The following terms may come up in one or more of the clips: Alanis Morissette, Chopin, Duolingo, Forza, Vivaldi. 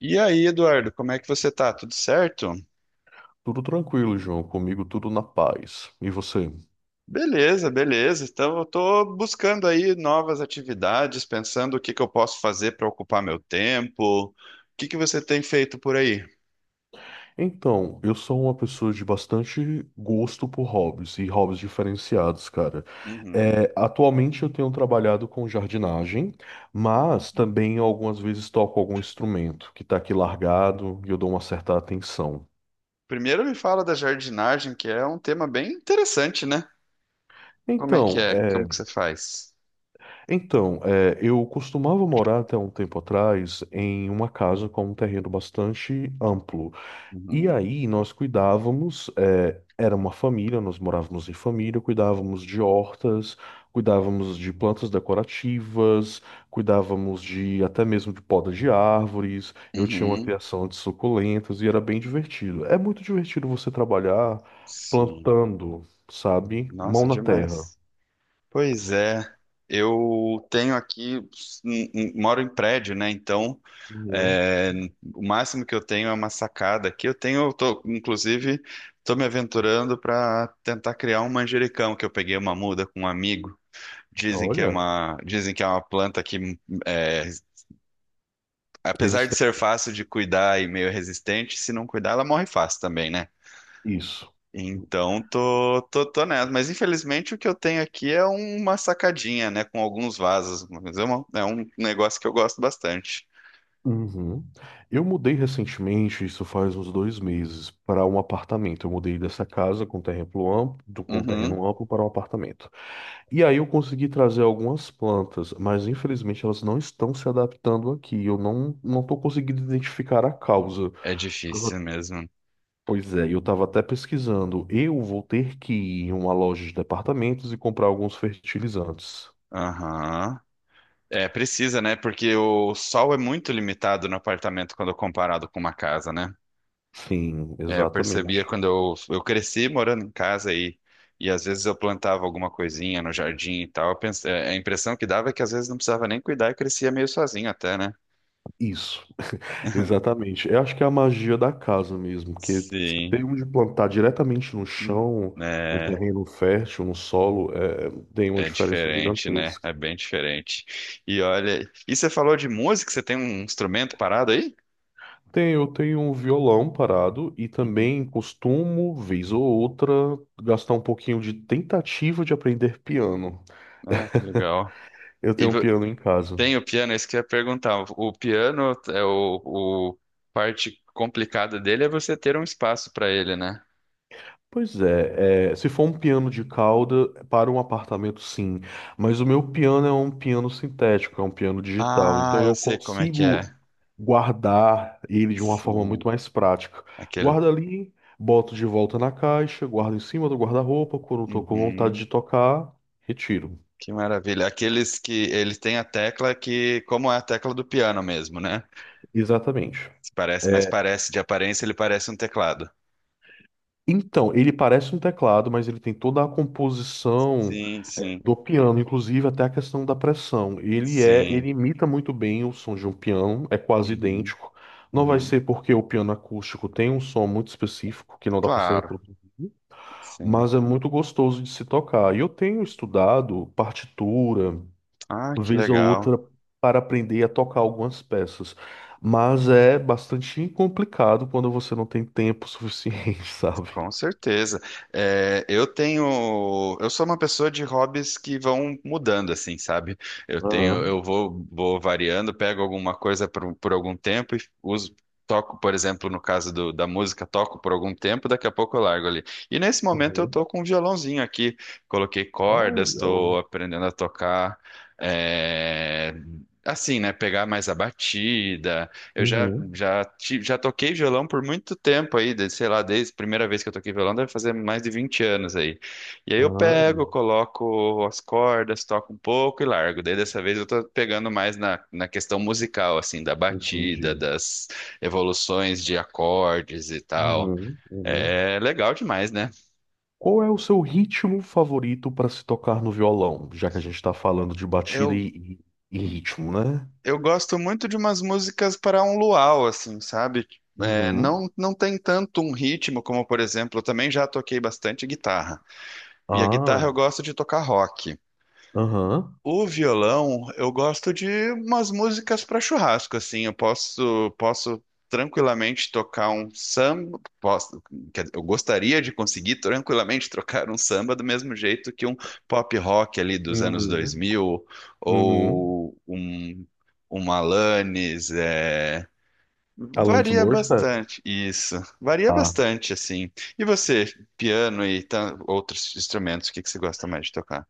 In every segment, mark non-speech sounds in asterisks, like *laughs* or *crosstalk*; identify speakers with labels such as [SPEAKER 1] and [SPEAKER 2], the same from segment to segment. [SPEAKER 1] E aí, Eduardo, como é que você tá? Tudo certo?
[SPEAKER 2] Tudo tranquilo, João. Comigo tudo na paz. E você?
[SPEAKER 1] Beleza, beleza. Então, eu tô buscando aí novas atividades, pensando o que eu posso fazer para ocupar meu tempo. O que você tem feito por aí?
[SPEAKER 2] Então, eu sou uma pessoa de bastante gosto por hobbies e hobbies diferenciados, cara.
[SPEAKER 1] Uhum.
[SPEAKER 2] Atualmente eu tenho trabalhado com jardinagem, mas
[SPEAKER 1] Ah,
[SPEAKER 2] também algumas vezes toco algum instrumento que está aqui largado e eu dou uma certa atenção.
[SPEAKER 1] primeiro me fala da jardinagem, que é um tema bem interessante, né? Como é que
[SPEAKER 2] Então,
[SPEAKER 1] é?
[SPEAKER 2] é,
[SPEAKER 1] Como que você faz?
[SPEAKER 2] eu costumava morar até um tempo atrás em uma casa com um terreno bastante amplo. E
[SPEAKER 1] Uhum.
[SPEAKER 2] aí nós cuidávamos, era uma família, nós morávamos em família, cuidávamos de hortas, cuidávamos de plantas decorativas, cuidávamos de até mesmo de poda de árvores. Eu tinha uma
[SPEAKER 1] Uhum.
[SPEAKER 2] criação de suculentas e era bem divertido. É muito divertido você trabalhar
[SPEAKER 1] Sim.
[SPEAKER 2] plantando, sabe? Mão
[SPEAKER 1] Nossa,
[SPEAKER 2] na terra.
[SPEAKER 1] demais. Pois é, eu tenho aqui, moro em prédio, né? Então,
[SPEAKER 2] Uhum.
[SPEAKER 1] é, o máximo que eu tenho é uma sacada aqui. Eu tenho, eu tô, inclusive, estou me aventurando para tentar criar um manjericão, que eu peguei uma muda com um amigo.
[SPEAKER 2] Olha,
[SPEAKER 1] Dizem que é uma planta que, é, apesar de ser
[SPEAKER 2] resistente.
[SPEAKER 1] fácil de cuidar e meio resistente, se não cuidar, ela morre fácil também, né?
[SPEAKER 2] Isso.
[SPEAKER 1] Então, tô nessa. Mas infelizmente o que eu tenho aqui é uma sacadinha, né? Com alguns vasos. Mas é um negócio que eu gosto bastante.
[SPEAKER 2] Uhum. Eu mudei recentemente, isso faz uns dois meses, para um apartamento. Eu mudei dessa casa com terreno amplo, com
[SPEAKER 1] Uhum.
[SPEAKER 2] terreno amplo para um apartamento. E aí eu consegui trazer algumas plantas, mas infelizmente elas não estão se adaptando aqui. Eu não estou conseguindo identificar a causa.
[SPEAKER 1] É
[SPEAKER 2] Tava-
[SPEAKER 1] difícil mesmo.
[SPEAKER 2] Pois é, eu estava até pesquisando. Eu vou ter que ir em uma loja de departamentos e comprar alguns fertilizantes.
[SPEAKER 1] Aham. É, precisa, né? Porque o sol é muito limitado no apartamento quando comparado com uma casa, né?
[SPEAKER 2] Sim,
[SPEAKER 1] É, eu percebia
[SPEAKER 2] exatamente.
[SPEAKER 1] quando eu cresci morando em casa e às vezes eu plantava alguma coisinha no jardim e tal. A impressão que dava é que às vezes não precisava nem cuidar e crescia meio sozinho até, né?
[SPEAKER 2] Isso. Exatamente. Eu acho que é a magia da casa mesmo, que você
[SPEAKER 1] Sim.
[SPEAKER 2] tem onde plantar diretamente no
[SPEAKER 1] Hum.
[SPEAKER 2] chão, num
[SPEAKER 1] É,
[SPEAKER 2] terreno fértil, no solo, tem uma
[SPEAKER 1] é
[SPEAKER 2] diferença
[SPEAKER 1] diferente, né? É
[SPEAKER 2] gigantesca.
[SPEAKER 1] bem diferente. E olha, e você falou de música? Você tem um instrumento parado aí?
[SPEAKER 2] Tem, eu tenho um violão parado e
[SPEAKER 1] Uhum.
[SPEAKER 2] também costumo, vez ou outra, gastar um pouquinho de tentativa de aprender piano.
[SPEAKER 1] Ah, que
[SPEAKER 2] *laughs*
[SPEAKER 1] legal.
[SPEAKER 2] Eu
[SPEAKER 1] E
[SPEAKER 2] tenho um
[SPEAKER 1] vo-
[SPEAKER 2] piano em casa.
[SPEAKER 1] tem o piano, é isso que eu ia perguntar. O piano é o parte complicada dele é você ter um espaço para ele, né?
[SPEAKER 2] Pois é, se for um piano de cauda, para um apartamento, sim. Mas o meu piano é um piano sintético, é um piano digital.
[SPEAKER 1] Ah,
[SPEAKER 2] Então
[SPEAKER 1] eu
[SPEAKER 2] eu
[SPEAKER 1] sei como é que é.
[SPEAKER 2] consigo guardar ele de uma forma
[SPEAKER 1] Sim,
[SPEAKER 2] muito mais prática.
[SPEAKER 1] aquele.
[SPEAKER 2] Guarda ali, boto de volta na caixa, guardo em cima do guarda-roupa. Quando estou com vontade
[SPEAKER 1] Uhum,
[SPEAKER 2] de tocar, retiro.
[SPEAKER 1] que maravilha. Aqueles que eles têm a tecla que, como é a tecla do piano mesmo, né?
[SPEAKER 2] Exatamente.
[SPEAKER 1] Parece, mas
[SPEAKER 2] É,
[SPEAKER 1] parece de aparência ele parece um teclado.
[SPEAKER 2] Então, ele parece um teclado, mas ele tem toda a composição
[SPEAKER 1] Sim, sim,
[SPEAKER 2] do piano, inclusive até a questão da pressão.
[SPEAKER 1] sim.
[SPEAKER 2] Ele imita muito bem o som de um piano, é quase
[SPEAKER 1] Uhum,
[SPEAKER 2] idêntico. Não vai
[SPEAKER 1] uhum.
[SPEAKER 2] ser porque o piano acústico tem um som muito específico que não dá para ser
[SPEAKER 1] Claro,
[SPEAKER 2] reproduzir,
[SPEAKER 1] sim.
[SPEAKER 2] mas é muito gostoso de se tocar. E eu tenho estudado partitura,
[SPEAKER 1] Ah, que
[SPEAKER 2] vez ou
[SPEAKER 1] legal.
[SPEAKER 2] outra, para aprender a tocar algumas peças. Mas é bastante complicado quando você não tem tempo suficiente, *laughs* sabe?
[SPEAKER 1] Com certeza. É, eu tenho, eu sou uma pessoa de hobbies que vão mudando, assim, sabe? Eu
[SPEAKER 2] Aham,
[SPEAKER 1] tenho, vou variando, pego alguma coisa por algum tempo e uso, toco, por exemplo, no caso da música, toco por algum tempo, daqui a pouco eu largo ali. E nesse momento eu
[SPEAKER 2] aham.
[SPEAKER 1] tô com um violãozinho aqui, coloquei
[SPEAKER 2] Ah,
[SPEAKER 1] cordas, estou
[SPEAKER 2] legal.
[SPEAKER 1] aprendendo a tocar, é, assim, né? Pegar mais a batida. Eu já,
[SPEAKER 2] Uhum.
[SPEAKER 1] já, ti- já toquei violão por muito tempo aí, de- sei lá, desde a primeira vez que eu toquei violão, deve fazer mais de 20 anos aí. E aí eu
[SPEAKER 2] Ah,
[SPEAKER 1] pego, coloco as cordas, toco um pouco e largo. Daí dessa vez eu tô pegando mais na questão musical, assim, da batida,
[SPEAKER 2] entendi.
[SPEAKER 1] das evoluções de acordes e tal.
[SPEAKER 2] Uhum, uhum.
[SPEAKER 1] É legal demais, né?
[SPEAKER 2] Qual é o seu ritmo favorito para se tocar no violão? Já que a gente está falando de batida
[SPEAKER 1] Eu,
[SPEAKER 2] e, e ritmo, né?
[SPEAKER 1] eu gosto muito de umas músicas para um luau, assim, sabe?
[SPEAKER 2] Uhum.
[SPEAKER 1] Não tem tanto um ritmo como, por exemplo, eu também já toquei bastante guitarra. E a
[SPEAKER 2] Ah,
[SPEAKER 1] guitarra eu gosto de tocar rock.
[SPEAKER 2] aham.
[SPEAKER 1] O violão eu gosto de umas músicas para churrasco, assim. Posso tranquilamente tocar um samba. Posso, quer dizer, eu gostaria de conseguir tranquilamente trocar um samba do mesmo jeito que um pop rock ali dos anos
[SPEAKER 2] Uhum.
[SPEAKER 1] 2000
[SPEAKER 2] Uhum.
[SPEAKER 1] ou um Alanis.
[SPEAKER 2] Alanis
[SPEAKER 1] Varia
[SPEAKER 2] Morissette.
[SPEAKER 1] bastante, isso. Varia bastante, assim. E você, outros instrumentos, o que que você gosta mais de tocar?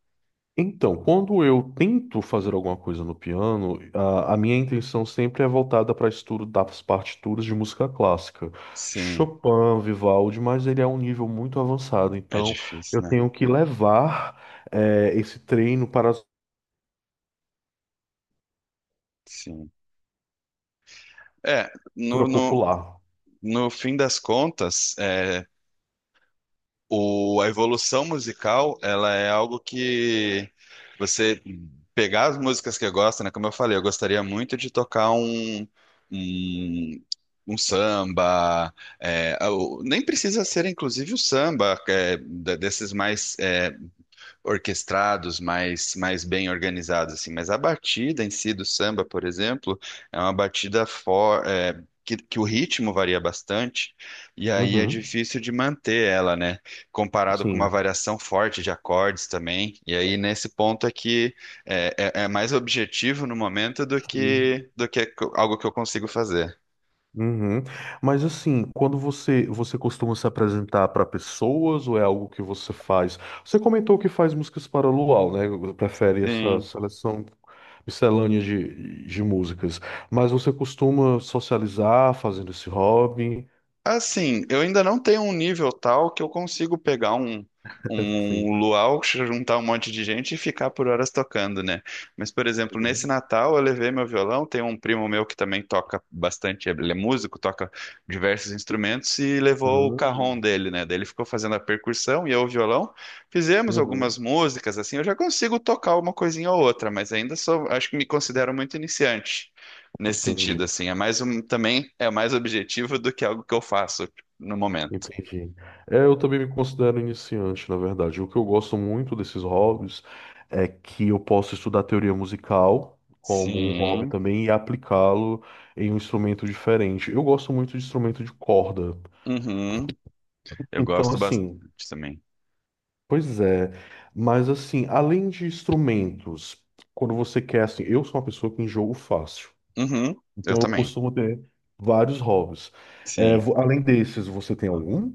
[SPEAKER 2] Então, quando eu tento fazer alguma coisa no piano, a minha intenção sempre é voltada para estudo das partituras de música clássica.
[SPEAKER 1] Sim,
[SPEAKER 2] Chopin, Vivaldi, mas ele é um nível muito avançado,
[SPEAKER 1] é
[SPEAKER 2] então
[SPEAKER 1] difícil,
[SPEAKER 2] eu
[SPEAKER 1] né?
[SPEAKER 2] tenho que levar esse treino para a
[SPEAKER 1] Sim. É,
[SPEAKER 2] cultura popular.
[SPEAKER 1] no fim das contas, a evolução musical, ela é algo que você pegar as músicas que eu gosto, né? Como eu falei, eu gostaria muito de tocar um, um samba, nem precisa ser inclusive o samba, desses mais orquestrados, mais bem organizados, assim. Mas a batida em si do samba, por exemplo, é uma batida for, é, que o ritmo varia bastante, e aí é
[SPEAKER 2] Uhum,
[SPEAKER 1] difícil de manter ela, né? Comparado com uma
[SPEAKER 2] sim.
[SPEAKER 1] variação forte de acordes também. E aí, nesse ponto aqui, é mais objetivo no momento do que algo que eu consigo fazer.
[SPEAKER 2] Uhum. Mas assim, quando você costuma se apresentar para pessoas ou é algo que você faz? Você comentou que faz músicas para luau, né? Prefere essa
[SPEAKER 1] Sim.
[SPEAKER 2] seleção miscelânea de músicas. Mas você costuma socializar fazendo esse hobby?
[SPEAKER 1] Assim, eu ainda não tenho um nível tal que eu consigo pegar
[SPEAKER 2] *laughs*
[SPEAKER 1] um
[SPEAKER 2] Sim.
[SPEAKER 1] luau, juntar um monte de gente e ficar por horas tocando, né? Mas, por exemplo, nesse
[SPEAKER 2] Uhum.
[SPEAKER 1] Natal eu levei meu violão, tem um primo meu que também toca bastante, ele é músico, toca diversos instrumentos e levou o cajón dele, né? Daí ele ficou fazendo a percussão e eu o violão. Fizemos
[SPEAKER 2] Uhum.
[SPEAKER 1] algumas músicas, assim, eu já consigo tocar uma coisinha ou outra, mas ainda sou, acho que me considero muito iniciante nesse sentido,
[SPEAKER 2] Entendi.
[SPEAKER 1] assim. É mais um, também é mais objetivo do que algo que eu faço no momento.
[SPEAKER 2] Entendi. É, eu também me considero iniciante, na verdade. O que eu gosto muito desses hobbies é que eu posso estudar teoria musical como um hobby
[SPEAKER 1] Sim.
[SPEAKER 2] também e aplicá-lo em um instrumento diferente. Eu gosto muito de instrumento de corda.
[SPEAKER 1] Uhum. Eu
[SPEAKER 2] Então,
[SPEAKER 1] gosto bastante
[SPEAKER 2] assim,
[SPEAKER 1] também.
[SPEAKER 2] pois é. Mas, assim, além de instrumentos, quando você quer, assim, eu sou uma pessoa que enjoo fácil.
[SPEAKER 1] Uhum. Eu
[SPEAKER 2] Então, eu
[SPEAKER 1] também.
[SPEAKER 2] costumo ter vários hobbies. É,
[SPEAKER 1] Sim.
[SPEAKER 2] além desses, você tem algum?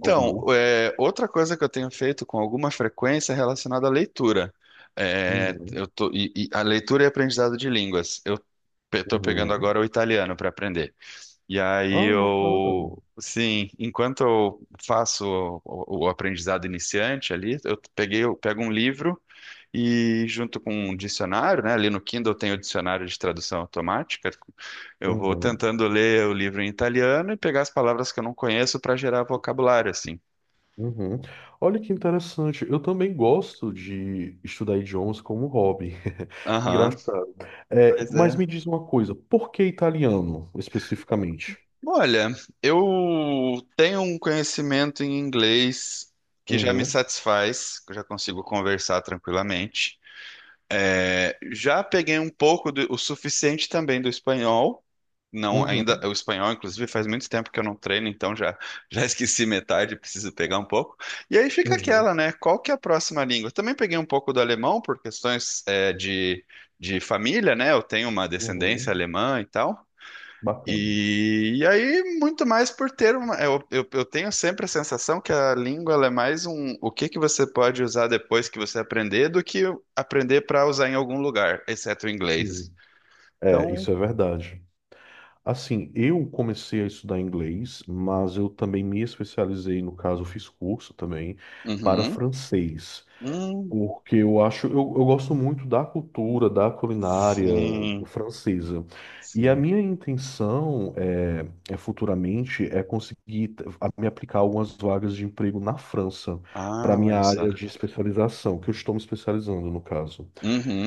[SPEAKER 2] Algum outro?
[SPEAKER 1] é, outra coisa que eu tenho feito com alguma frequência é relacionada à leitura. É,
[SPEAKER 2] Uhum.
[SPEAKER 1] e a leitura e aprendizado de línguas. Eu estou pegando
[SPEAKER 2] Uhum.
[SPEAKER 1] agora o italiano para aprender. E aí
[SPEAKER 2] Ah, bacana.
[SPEAKER 1] eu, sim, enquanto eu faço o aprendizado iniciante ali, eu pego um livro e junto com um dicionário, né? Ali no Kindle tem o dicionário de tradução automática. Eu vou
[SPEAKER 2] Uhum,
[SPEAKER 1] tentando ler o livro em italiano e pegar as palavras que eu não conheço para gerar vocabulário, assim.
[SPEAKER 2] uhum. Olha que interessante. Eu também gosto de estudar idiomas como hobby. *laughs*
[SPEAKER 1] Aham,
[SPEAKER 2] Engraçado. É,
[SPEAKER 1] pois
[SPEAKER 2] mas
[SPEAKER 1] é.
[SPEAKER 2] me diz uma coisa, por que italiano especificamente?
[SPEAKER 1] Olha, eu tenho um conhecimento em inglês que já me
[SPEAKER 2] Uhum,
[SPEAKER 1] satisfaz, que eu já consigo conversar tranquilamente. É, já peguei um pouco o suficiente também do espanhol. Não, ainda
[SPEAKER 2] uhum,
[SPEAKER 1] o espanhol, inclusive, faz muito tempo que eu não treino, então já *laughs* já esqueci metade, preciso pegar um pouco. E aí fica
[SPEAKER 2] uhum,
[SPEAKER 1] aquela, né? Qual que é a próxima língua? Também peguei um pouco do alemão por questões de família, né? Eu tenho uma descendência
[SPEAKER 2] uhum.
[SPEAKER 1] alemã e tal.
[SPEAKER 2] Bacana.
[SPEAKER 1] E aí, muito mais por ter uma. Eu tenho sempre a sensação que a língua ela é mais um o que que você pode usar depois que você aprender do que aprender para usar em algum lugar, exceto o inglês.
[SPEAKER 2] Sim. É,
[SPEAKER 1] Então,
[SPEAKER 2] isso é verdade. Assim, eu comecei a estudar inglês, mas eu também me especializei, no caso, fiz curso também para
[SPEAKER 1] uhum,
[SPEAKER 2] francês.
[SPEAKER 1] hum,
[SPEAKER 2] Porque eu acho, eu gosto muito da cultura, da culinária
[SPEAKER 1] sim,
[SPEAKER 2] francesa. E a
[SPEAKER 1] sim.
[SPEAKER 2] minha intenção é futuramente é conseguir me aplicar algumas vagas de emprego na França para
[SPEAKER 1] Ah,
[SPEAKER 2] minha
[SPEAKER 1] olha só.
[SPEAKER 2] área de especialização, que eu estou me especializando no caso.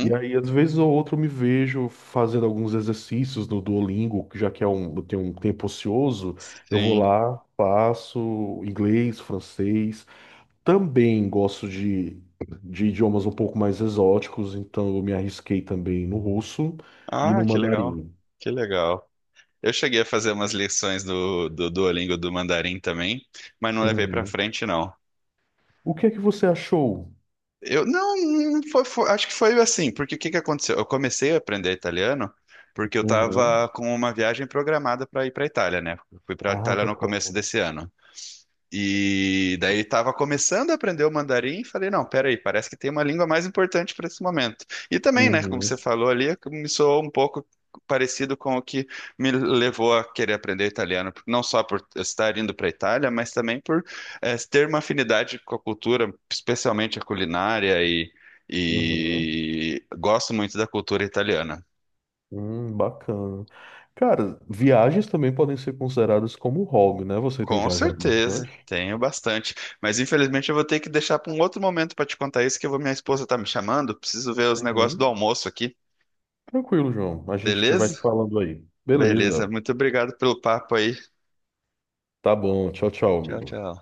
[SPEAKER 2] E aí, às vezes ou outro, eu me vejo fazendo alguns exercícios no Duolingo, que já que é um, eu tenho um tempo ocioso, eu vou
[SPEAKER 1] sim.
[SPEAKER 2] lá, faço inglês, francês. Também gosto de idiomas um pouco mais exóticos, então eu me arrisquei também no russo e
[SPEAKER 1] Ah,
[SPEAKER 2] no mandarim.
[SPEAKER 1] que legal. Eu cheguei a fazer umas lições do Duolingo do Mandarim também, mas não levei para
[SPEAKER 2] Uhum.
[SPEAKER 1] frente, não.
[SPEAKER 2] O que é que você achou?
[SPEAKER 1] Eu não, não foi, foi- acho que foi assim, porque o que que aconteceu? Eu comecei a aprender italiano porque eu
[SPEAKER 2] Uhum.
[SPEAKER 1] estava com uma viagem programada para ir para a Itália, né? Eu fui para a
[SPEAKER 2] Ah,
[SPEAKER 1] Itália no começo
[SPEAKER 2] bacana.
[SPEAKER 1] desse ano. E daí ele estava começando a aprender o mandarim e falei, não, peraí, parece que tem uma língua mais importante para esse momento. E também, né, como você
[SPEAKER 2] Uhum.
[SPEAKER 1] falou ali, me soou um pouco parecido com o que me levou a querer aprender italiano, não só por estar indo para a Itália, mas também por ter uma afinidade com a cultura, especialmente a culinária
[SPEAKER 2] Uhum.
[SPEAKER 1] e gosto muito da cultura italiana.
[SPEAKER 2] Bacana. Cara, viagens também podem ser consideradas como hobby, né? Você tem
[SPEAKER 1] Com
[SPEAKER 2] viajado
[SPEAKER 1] certeza,
[SPEAKER 2] bastante?
[SPEAKER 1] tenho bastante. Mas infelizmente eu vou ter que deixar para um outro momento para te contar isso, que eu vou, minha esposa tá me chamando. Preciso ver os negócios do
[SPEAKER 2] Uhum.
[SPEAKER 1] almoço aqui.
[SPEAKER 2] Tranquilo, João. A gente vai se
[SPEAKER 1] Beleza?
[SPEAKER 2] falando aí.
[SPEAKER 1] Beleza.
[SPEAKER 2] Beleza.
[SPEAKER 1] Muito obrigado pelo papo aí.
[SPEAKER 2] Tá bom. Tchau, tchau,
[SPEAKER 1] Tchau,
[SPEAKER 2] amigo.
[SPEAKER 1] tchau.